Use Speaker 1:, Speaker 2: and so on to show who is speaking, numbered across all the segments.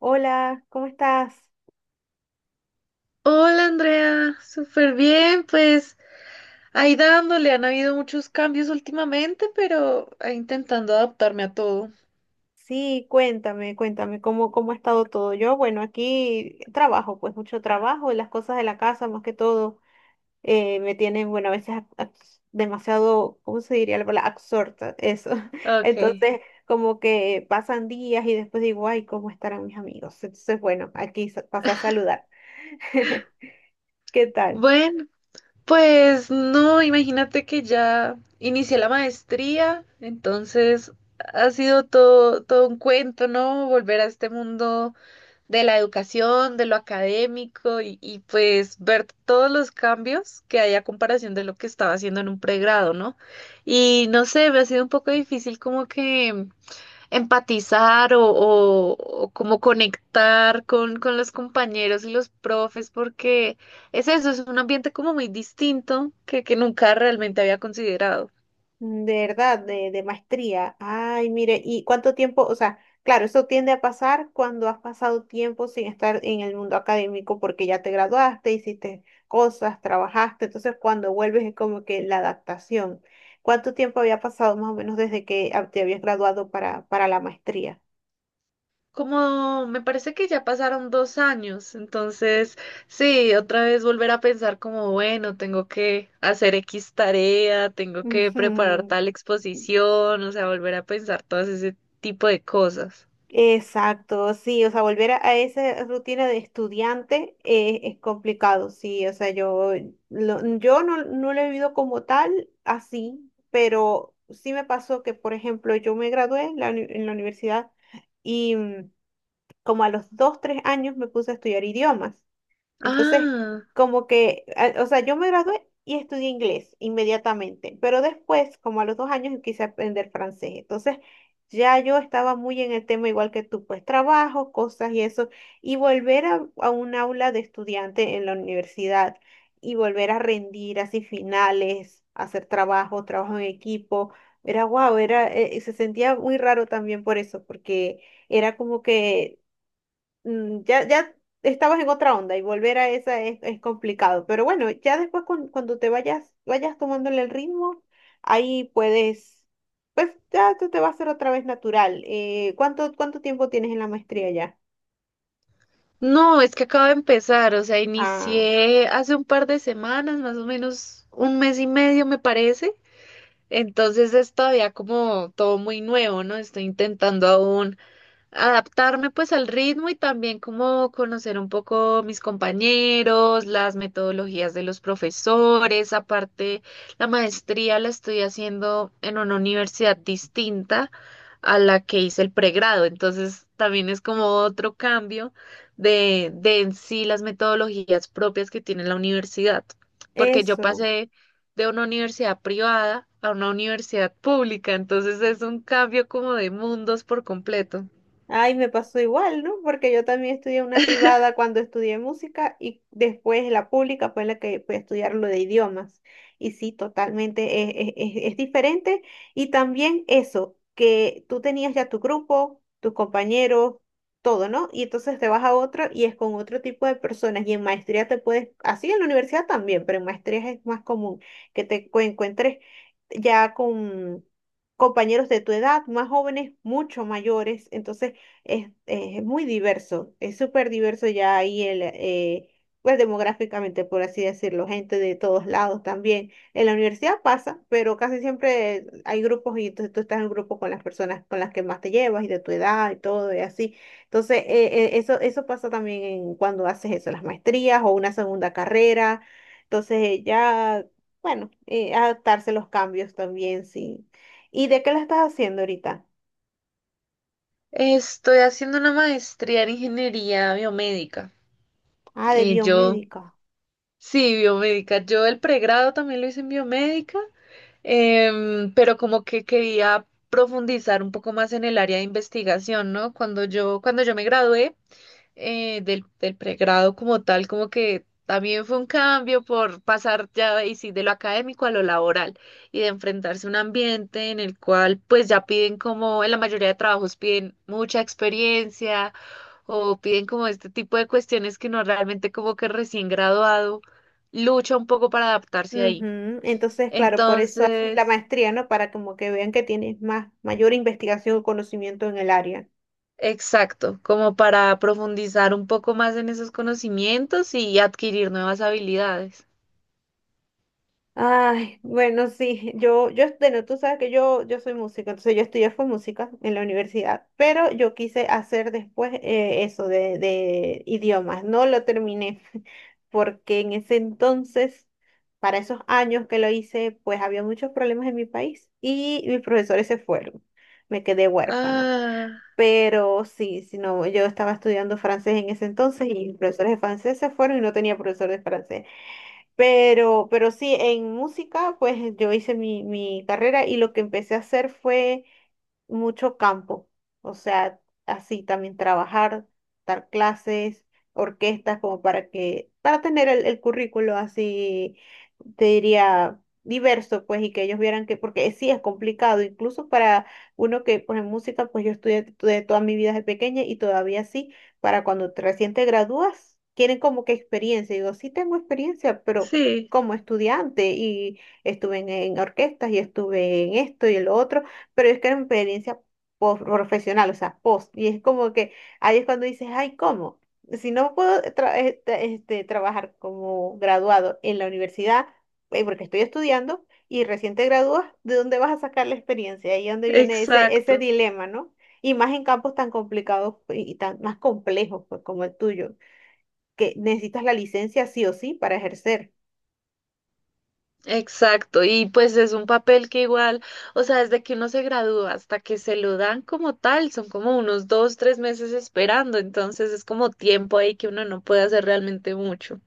Speaker 1: Hola, ¿cómo estás?
Speaker 2: Hola Andrea, súper bien, pues ahí dándole, han habido muchos cambios últimamente, pero ahí intentando adaptarme a todo.
Speaker 1: Sí, cuéntame, cuéntame, ¿cómo ha estado todo? Yo, bueno, aquí trabajo, pues mucho trabajo, y las cosas de la casa más que todo me tienen, bueno, a veces demasiado, ¿cómo se diría la palabra? Absorta, eso.
Speaker 2: Ok.
Speaker 1: Entonces, como que pasan días y después digo, ay, ¿cómo estarán mis amigos? Entonces, bueno, aquí pasé a saludar. ¿Qué tal?
Speaker 2: Bueno, pues no, imagínate que ya inicié la maestría, entonces ha sido todo, todo un cuento, ¿no? Volver a este mundo de la educación, de lo académico y, pues ver todos los cambios que hay a comparación de lo que estaba haciendo en un pregrado, ¿no? Y no sé, me ha sido un poco difícil como que empatizar o como conectar con los compañeros y los profes porque es eso, es un ambiente como muy distinto que nunca realmente había considerado.
Speaker 1: De verdad, de maestría. Ay, mire, ¿y cuánto tiempo? O sea, claro, eso tiende a pasar cuando has pasado tiempo sin estar en el mundo académico porque ya te graduaste, hiciste cosas, trabajaste. Entonces, cuando vuelves es como que la adaptación. ¿Cuánto tiempo había pasado más o menos desde que te habías graduado para la maestría?
Speaker 2: Como me parece que ya pasaron 2 años, entonces sí, otra vez volver a pensar como, bueno, tengo que hacer X tarea, tengo que preparar
Speaker 1: Ujú.
Speaker 2: tal exposición, o sea, volver a pensar todas ese tipo de cosas.
Speaker 1: Exacto, sí, o sea, volver a esa rutina de estudiante es complicado, sí, o sea, yo no, no lo he vivido como tal, así, pero sí me pasó que, por ejemplo, yo me gradué en la universidad y como a los 2, 3 años me puse a estudiar idiomas. Entonces,
Speaker 2: Ah,
Speaker 1: como que, o sea, yo me gradué y estudié inglés inmediatamente, pero después, como a los 2 años, quise aprender francés. Entonces, ya yo estaba muy en el tema igual que tú, pues trabajo, cosas y eso, y volver a un aula de estudiante en la universidad y volver a rendir así finales, hacer trabajo, trabajo en equipo. Era guau, se sentía muy raro también por eso, porque era como que ya, ya estabas en otra onda y volver a esa es complicado. Pero bueno, ya después cuando te vayas tomándole el ritmo, ahí puedes, pues ya te va a ser otra vez natural. ¿Cuánto tiempo tienes en la maestría ya?
Speaker 2: no, es que acabo de empezar, o sea,
Speaker 1: Ah,
Speaker 2: inicié hace un par de semanas, más o menos un mes y medio me parece, entonces es todavía como todo muy nuevo, ¿no? Estoy intentando aún adaptarme pues al ritmo y también como conocer un poco mis compañeros, las metodologías de los profesores. Aparte, la maestría la estoy haciendo en una universidad distinta a la que hice el pregrado, entonces también es como otro cambio de en sí las metodologías propias que tiene la universidad, porque yo
Speaker 1: eso.
Speaker 2: pasé de una universidad privada a una universidad pública, entonces es un cambio como de mundos por completo.
Speaker 1: Ay, me pasó igual, ¿no? Porque yo también estudié una privada cuando estudié música y después la pública fue la que fue a estudiar lo de idiomas. Y sí, totalmente es diferente. Y también eso, que tú tenías ya tu grupo, tus compañeros, todo, ¿no? Y entonces te vas a otro y es con otro tipo de personas. Y en maestría te puedes, así en la universidad también, pero en maestría es más común que te encuentres ya con compañeros de tu edad, más jóvenes, mucho mayores. Entonces, es muy diverso, es súper diverso ya ahí pues demográficamente, por así decirlo, gente de todos lados también. En la universidad pasa, pero casi siempre hay grupos y entonces tú estás en grupo con las personas con las que más te llevas y de tu edad y todo y así. Entonces, eso pasa también en cuando haces eso, las maestrías o una segunda carrera. Entonces, ya, bueno, adaptarse a los cambios también, sí. ¿Y de qué la estás haciendo ahorita?
Speaker 2: Estoy haciendo una maestría en ingeniería biomédica.
Speaker 1: Ah, de
Speaker 2: Y yo,
Speaker 1: biomédica.
Speaker 2: sí, biomédica. Yo el pregrado también lo hice en biomédica, pero como que quería profundizar un poco más en el área de investigación, ¿no? Cuando yo me gradué, del pregrado como tal, como que también fue un cambio por pasar ya y sí, de lo académico a lo laboral y de enfrentarse a un ambiente en el cual pues ya piden como en la mayoría de trabajos piden mucha experiencia o piden como este tipo de cuestiones que no realmente como que recién graduado lucha un poco para adaptarse ahí.
Speaker 1: Ujú. Entonces, claro, por eso haces la
Speaker 2: Entonces,
Speaker 1: maestría, ¿no? Para como que vean que tienes más, mayor investigación o conocimiento en el área.
Speaker 2: exacto, como para profundizar un poco más en esos conocimientos y adquirir nuevas habilidades.
Speaker 1: Ay, bueno, sí, yo, bueno, tú sabes que yo soy música, entonces yo estudié fue música en la universidad, pero yo quise hacer después eso de idiomas, no lo terminé, porque en ese entonces, para esos años que lo hice, pues había muchos problemas en mi país y mis profesores se fueron, me quedé huérfana.
Speaker 2: Ah,
Speaker 1: Pero sí, si no, yo estaba estudiando francés en ese entonces y mis profesores de francés se fueron y no tenía profesor de francés. Pero sí, en música, pues yo hice mi carrera y lo que empecé a hacer fue mucho campo. O sea, así también trabajar, dar clases, orquestas, como para que, para tener el currículo así, te diría, diverso, pues, y que ellos vieran que, porque sí es complicado, incluso para uno que, pues, en música, pues yo estudié toda mi vida desde pequeña y todavía sí para cuando recién te gradúas, quieren como que experiencia. Y digo, sí tengo experiencia, pero
Speaker 2: sí,
Speaker 1: como estudiante y estuve en orquestas y estuve en esto y el otro, pero es que era una experiencia profesional, o sea, post. Y es como que ahí es cuando dices, ay, ¿cómo? Si no puedo trabajar como graduado en la universidad, porque estoy estudiando y recién te gradúas, ¿de dónde vas a sacar la experiencia? Ahí es donde viene ese
Speaker 2: exacto,
Speaker 1: dilema, ¿no? Y más en campos tan complicados pues, y tan más complejos pues, como el tuyo, que necesitas la licencia sí o sí para ejercer.
Speaker 2: exacto. Y pues es un papel que igual, o sea, desde que uno se gradúa hasta que se lo dan como tal, son como unos 2, 3 meses esperando, entonces es como tiempo ahí que uno no puede hacer realmente mucho.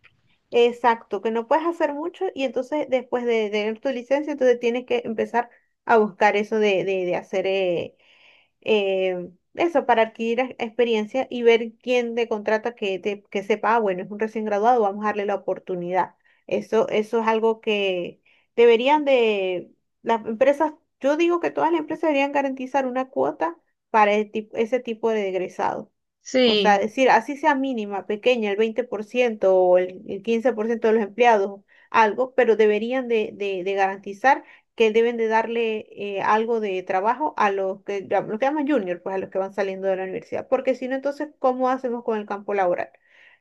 Speaker 1: Exacto, que no puedes hacer mucho y entonces después de tener tu licencia, entonces tienes que empezar a buscar eso de hacer eh, eso, para adquirir experiencia y ver quién te contrata que sepa, ah, bueno, es un recién graduado, vamos a darle la oportunidad. Eso es algo que deberían de, las empresas, yo digo que todas las empresas deberían garantizar una cuota para el ese tipo de egresado. O sea,
Speaker 2: Sí,
Speaker 1: decir, así sea mínima, pequeña, el 20% o el 15% de los empleados, algo, pero deberían de, de garantizar que deben de darle algo de trabajo a los que, llaman junior, pues a los que van saliendo de la universidad, porque si no, entonces, ¿cómo hacemos con el campo laboral?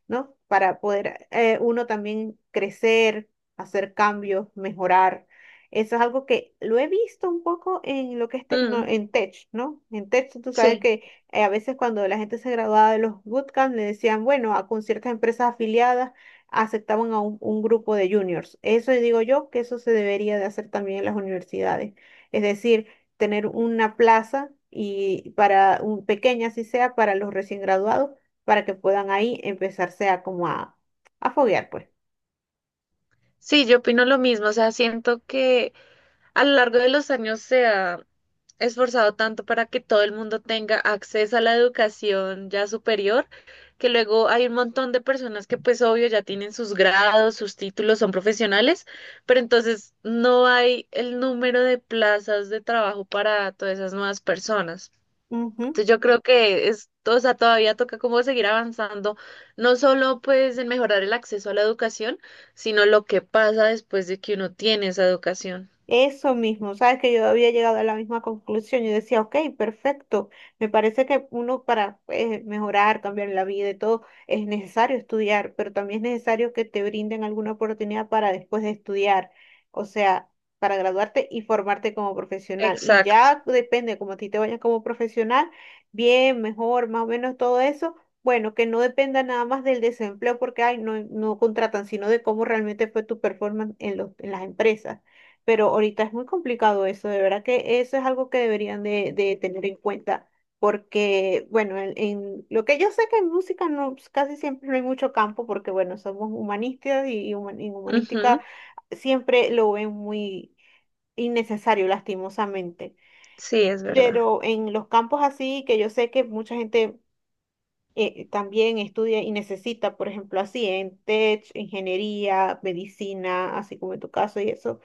Speaker 1: ¿No? Para poder uno también crecer, hacer cambios, mejorar. Eso es algo que lo he visto un poco en lo que es
Speaker 2: mm,
Speaker 1: en tech, ¿no? En tech, tú sabes
Speaker 2: sí,
Speaker 1: que a veces cuando la gente se graduaba de los bootcamp, le decían, bueno, con ciertas empresas afiliadas aceptaban a un grupo de juniors. Eso digo yo que eso se debería de hacer también en las universidades. Es decir, tener una plaza y para un pequeña así sea para los recién graduados, para que puedan ahí empezarse a como a foguear, pues.
Speaker 2: sí, yo opino lo mismo, o sea, siento que a lo largo de los años se ha esforzado tanto para que todo el mundo tenga acceso a la educación ya superior, que luego hay un montón de personas que pues obvio ya tienen sus grados, sus títulos, son profesionales, pero entonces no hay el número de plazas de trabajo para todas esas nuevas personas.
Speaker 1: Ujú.
Speaker 2: Entonces yo creo que es, o sea, todavía toca como seguir avanzando, no solo pues en mejorar el acceso a la educación, sino lo que pasa después de que uno tiene esa educación.
Speaker 1: Eso mismo, sabes que yo había llegado a la misma conclusión. Yo decía, ok, perfecto. Me parece que uno para mejorar, cambiar la vida y todo, es necesario estudiar, pero también es necesario que te brinden alguna oportunidad para después de estudiar, o sea, para graduarte y formarte como profesional. Y
Speaker 2: Exacto.
Speaker 1: ya depende, como a ti te vayas como profesional, bien, mejor, más o menos todo eso. Bueno, que no dependa nada más del desempleo, porque ay, no, no contratan, sino de cómo realmente fue tu performance en los, en las empresas pero ahorita es muy complicado eso, de verdad que eso es algo que deberían de, tener en cuenta, porque, bueno, en lo que yo sé que en música no, pues, casi siempre no hay mucho campo, porque, bueno, somos humanistas y en humanística
Speaker 2: Ujú.
Speaker 1: siempre lo ven muy innecesario, lastimosamente,
Speaker 2: Sí, es verdad.
Speaker 1: pero en los campos así, que yo sé que mucha gente... también estudia y necesita, por ejemplo, así en tech, ingeniería, medicina, así como en tu caso y eso,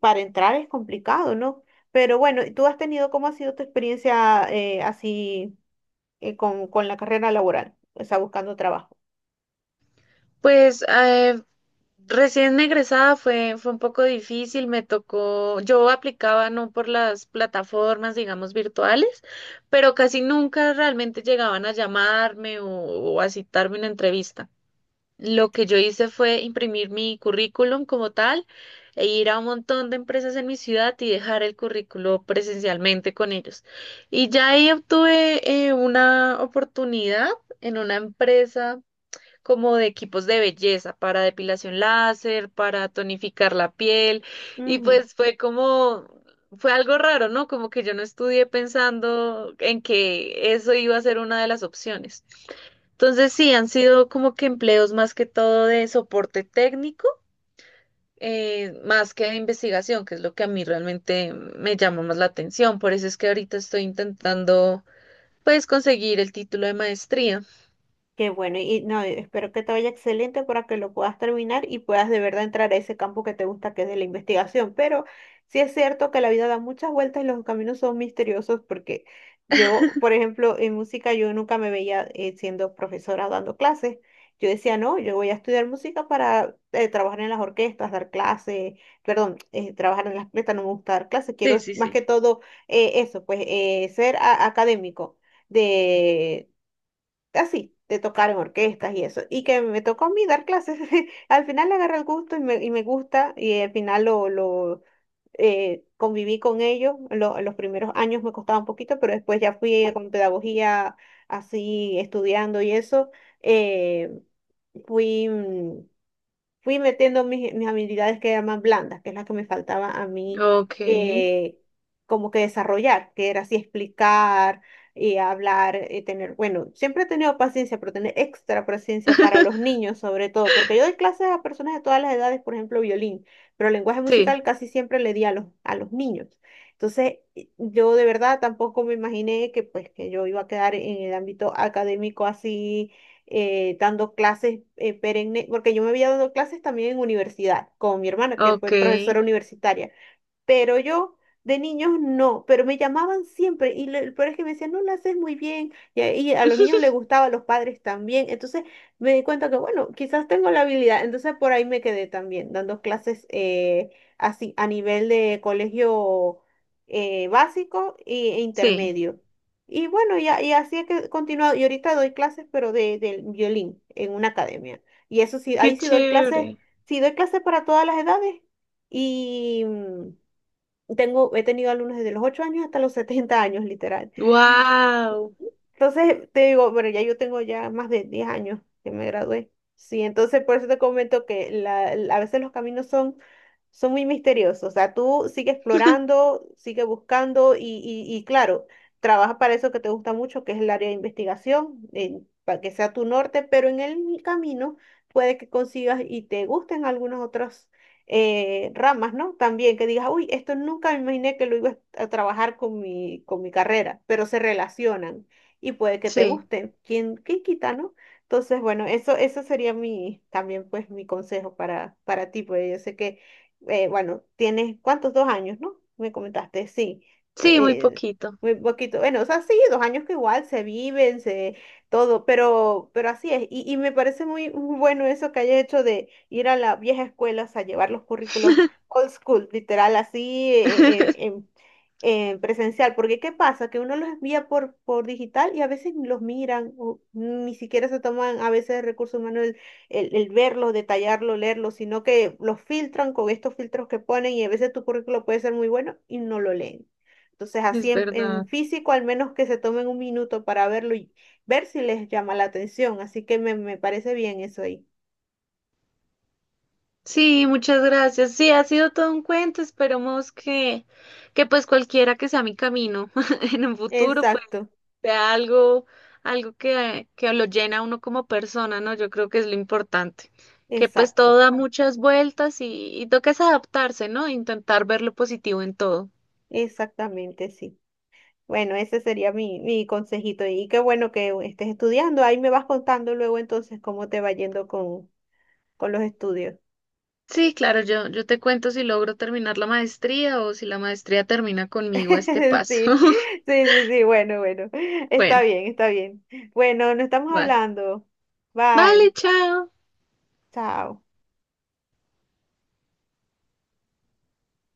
Speaker 1: para entrar es complicado, ¿no? Pero bueno, ¿tú has tenido, cómo ha sido tu experiencia así con la carrera laboral? O sea, buscando trabajo.
Speaker 2: Pues recién egresada fue un poco difícil, me tocó, yo aplicaba no por las plataformas, digamos, virtuales, pero casi nunca realmente llegaban a llamarme o a citarme una entrevista. Lo que yo hice fue imprimir mi currículum como tal e ir a un montón de empresas en mi ciudad y dejar el currículo presencialmente con ellos. Y ya ahí obtuve una oportunidad en una empresa como de equipos de belleza para depilación láser, para tonificar la piel y
Speaker 1: Ujú.
Speaker 2: pues fue como, fue algo raro, ¿no? Como que yo no estudié pensando en que eso iba a ser una de las opciones. Entonces sí, han sido como que empleos más que todo de soporte técnico. Más que de investigación, que es lo que a mí realmente me llama más la atención. Por eso es que ahorita estoy intentando, pues, conseguir el título de maestría.
Speaker 1: Qué bueno, y no, espero que te vaya excelente para que lo puedas terminar y puedas de verdad entrar a ese campo que te gusta, que es de la investigación. Pero sí es cierto que la vida da muchas vueltas y los caminos son misteriosos porque yo, por ejemplo, en música yo nunca me veía siendo profesora o dando clases. Yo decía, no, yo voy a estudiar música para trabajar en las orquestas, dar clases, perdón, trabajar en las orquestas, no me gusta dar clases, quiero
Speaker 2: Sí, sí,
Speaker 1: más
Speaker 2: sí.
Speaker 1: que todo eso, pues ser académico de, así, de tocar en orquestas y eso. Y que me tocó a mí dar clases. Al final le agarré el gusto y me, gusta y al final lo conviví con ellos. Los primeros años me costaba un poquito, pero después ya fui con pedagogía así estudiando y eso. eh, fui... mm, fui metiendo mis habilidades que llaman blandas, que es la que me faltaba a mí
Speaker 2: Ok.
Speaker 1: eh, como que desarrollar, que era así explicar, hablar, tener, bueno, siempre he tenido paciencia, pero tener extra paciencia para los niños sobre todo, porque yo doy clases a personas de todas las edades, por ejemplo, violín, pero lenguaje
Speaker 2: Sí,
Speaker 1: musical casi siempre le di a los niños. Entonces, yo de verdad tampoco me imaginé que pues que yo iba a quedar en el ámbito académico así dando clases perenne, porque yo me había dado clases también en universidad con mi hermana, que
Speaker 2: ok,
Speaker 1: fue profesora universitaria pero yo de niños no, pero me llamaban siempre y el peor es que me decían, no lo haces muy bien y a los niños les gustaba, a los padres también, entonces me di cuenta que bueno, quizás tengo la habilidad, entonces por ahí me quedé también dando clases así a nivel de colegio básico e
Speaker 2: sí,
Speaker 1: intermedio. Y bueno, y así es que he continuado, y ahorita doy clases pero del violín en una academia. Y eso sí,
Speaker 2: qué
Speaker 1: ahí
Speaker 2: chévere.
Speaker 1: sí doy clases para todas las edades. Y, he tenido alumnos desde los 8 años hasta los 70 años, literal.
Speaker 2: Wow,
Speaker 1: Entonces, te digo, bueno, ya yo tengo ya más de 10 años que me gradué. Sí, entonces por eso te comento que a veces los caminos son muy misteriosos. O sea, tú sigue explorando, sigue buscando y claro, trabaja para eso que te gusta mucho, que es el área de investigación, para que sea tu norte, pero en el camino puede que consigas y te gusten algunas otras ramas, ¿no? También que digas, uy, esto nunca me imaginé que lo iba a trabajar con mi carrera, pero se relacionan y puede que te
Speaker 2: sí,
Speaker 1: gusten. ¿Quién quita, no? Entonces, bueno, eso sería mi, también pues mi consejo para ti, porque yo sé que bueno, tienes, ¿cuántos? 2 años, ¿no? Me comentaste, sí.
Speaker 2: sí, muy
Speaker 1: Eh,
Speaker 2: poquito.
Speaker 1: muy poquito. Bueno, o sea, sí, 2 años que igual se viven, se, todo, pero así es. Y me parece muy bueno eso que hayas hecho de ir a la vieja escuela, o sea, llevar los currículos old school, literal, así, en presencial, porque ¿qué pasa? Que uno los envía por digital y a veces ni los miran, o ni siquiera se toman a veces recursos humanos el verlo, detallarlo, leerlo, sino que los filtran con estos filtros que ponen y a veces tu currículo puede ser muy bueno y no lo leen. Entonces, así
Speaker 2: Es
Speaker 1: en
Speaker 2: verdad.
Speaker 1: físico, al menos que se tomen un minuto para verlo y ver si les llama la atención. Así que me parece bien eso ahí.
Speaker 2: Sí, muchas gracias. Sí, ha sido todo un cuento. Esperemos que pues cualquiera que sea mi camino en un futuro, pues
Speaker 1: Exacto,
Speaker 2: sea algo, algo que lo llena a uno como persona, ¿no? Yo creo que es lo importante. Que pues todo
Speaker 1: exacto,
Speaker 2: da muchas vueltas y toca es adaptarse, ¿no? Intentar ver lo positivo en todo.
Speaker 1: exactamente, sí. Bueno, ese sería mi, consejito. Y qué bueno que estés estudiando. Ahí me vas contando luego entonces cómo te va yendo con los estudios.
Speaker 2: Sí, claro, yo te cuento si logro terminar la maestría o si la maestría termina conmigo a este paso.
Speaker 1: Sí, sí, sí, sí, bueno, bueno. Está
Speaker 2: Bueno,
Speaker 1: bien, está bien. Bueno, nos estamos
Speaker 2: va.
Speaker 1: hablando.
Speaker 2: Vale,
Speaker 1: Bye,
Speaker 2: chao.
Speaker 1: chao.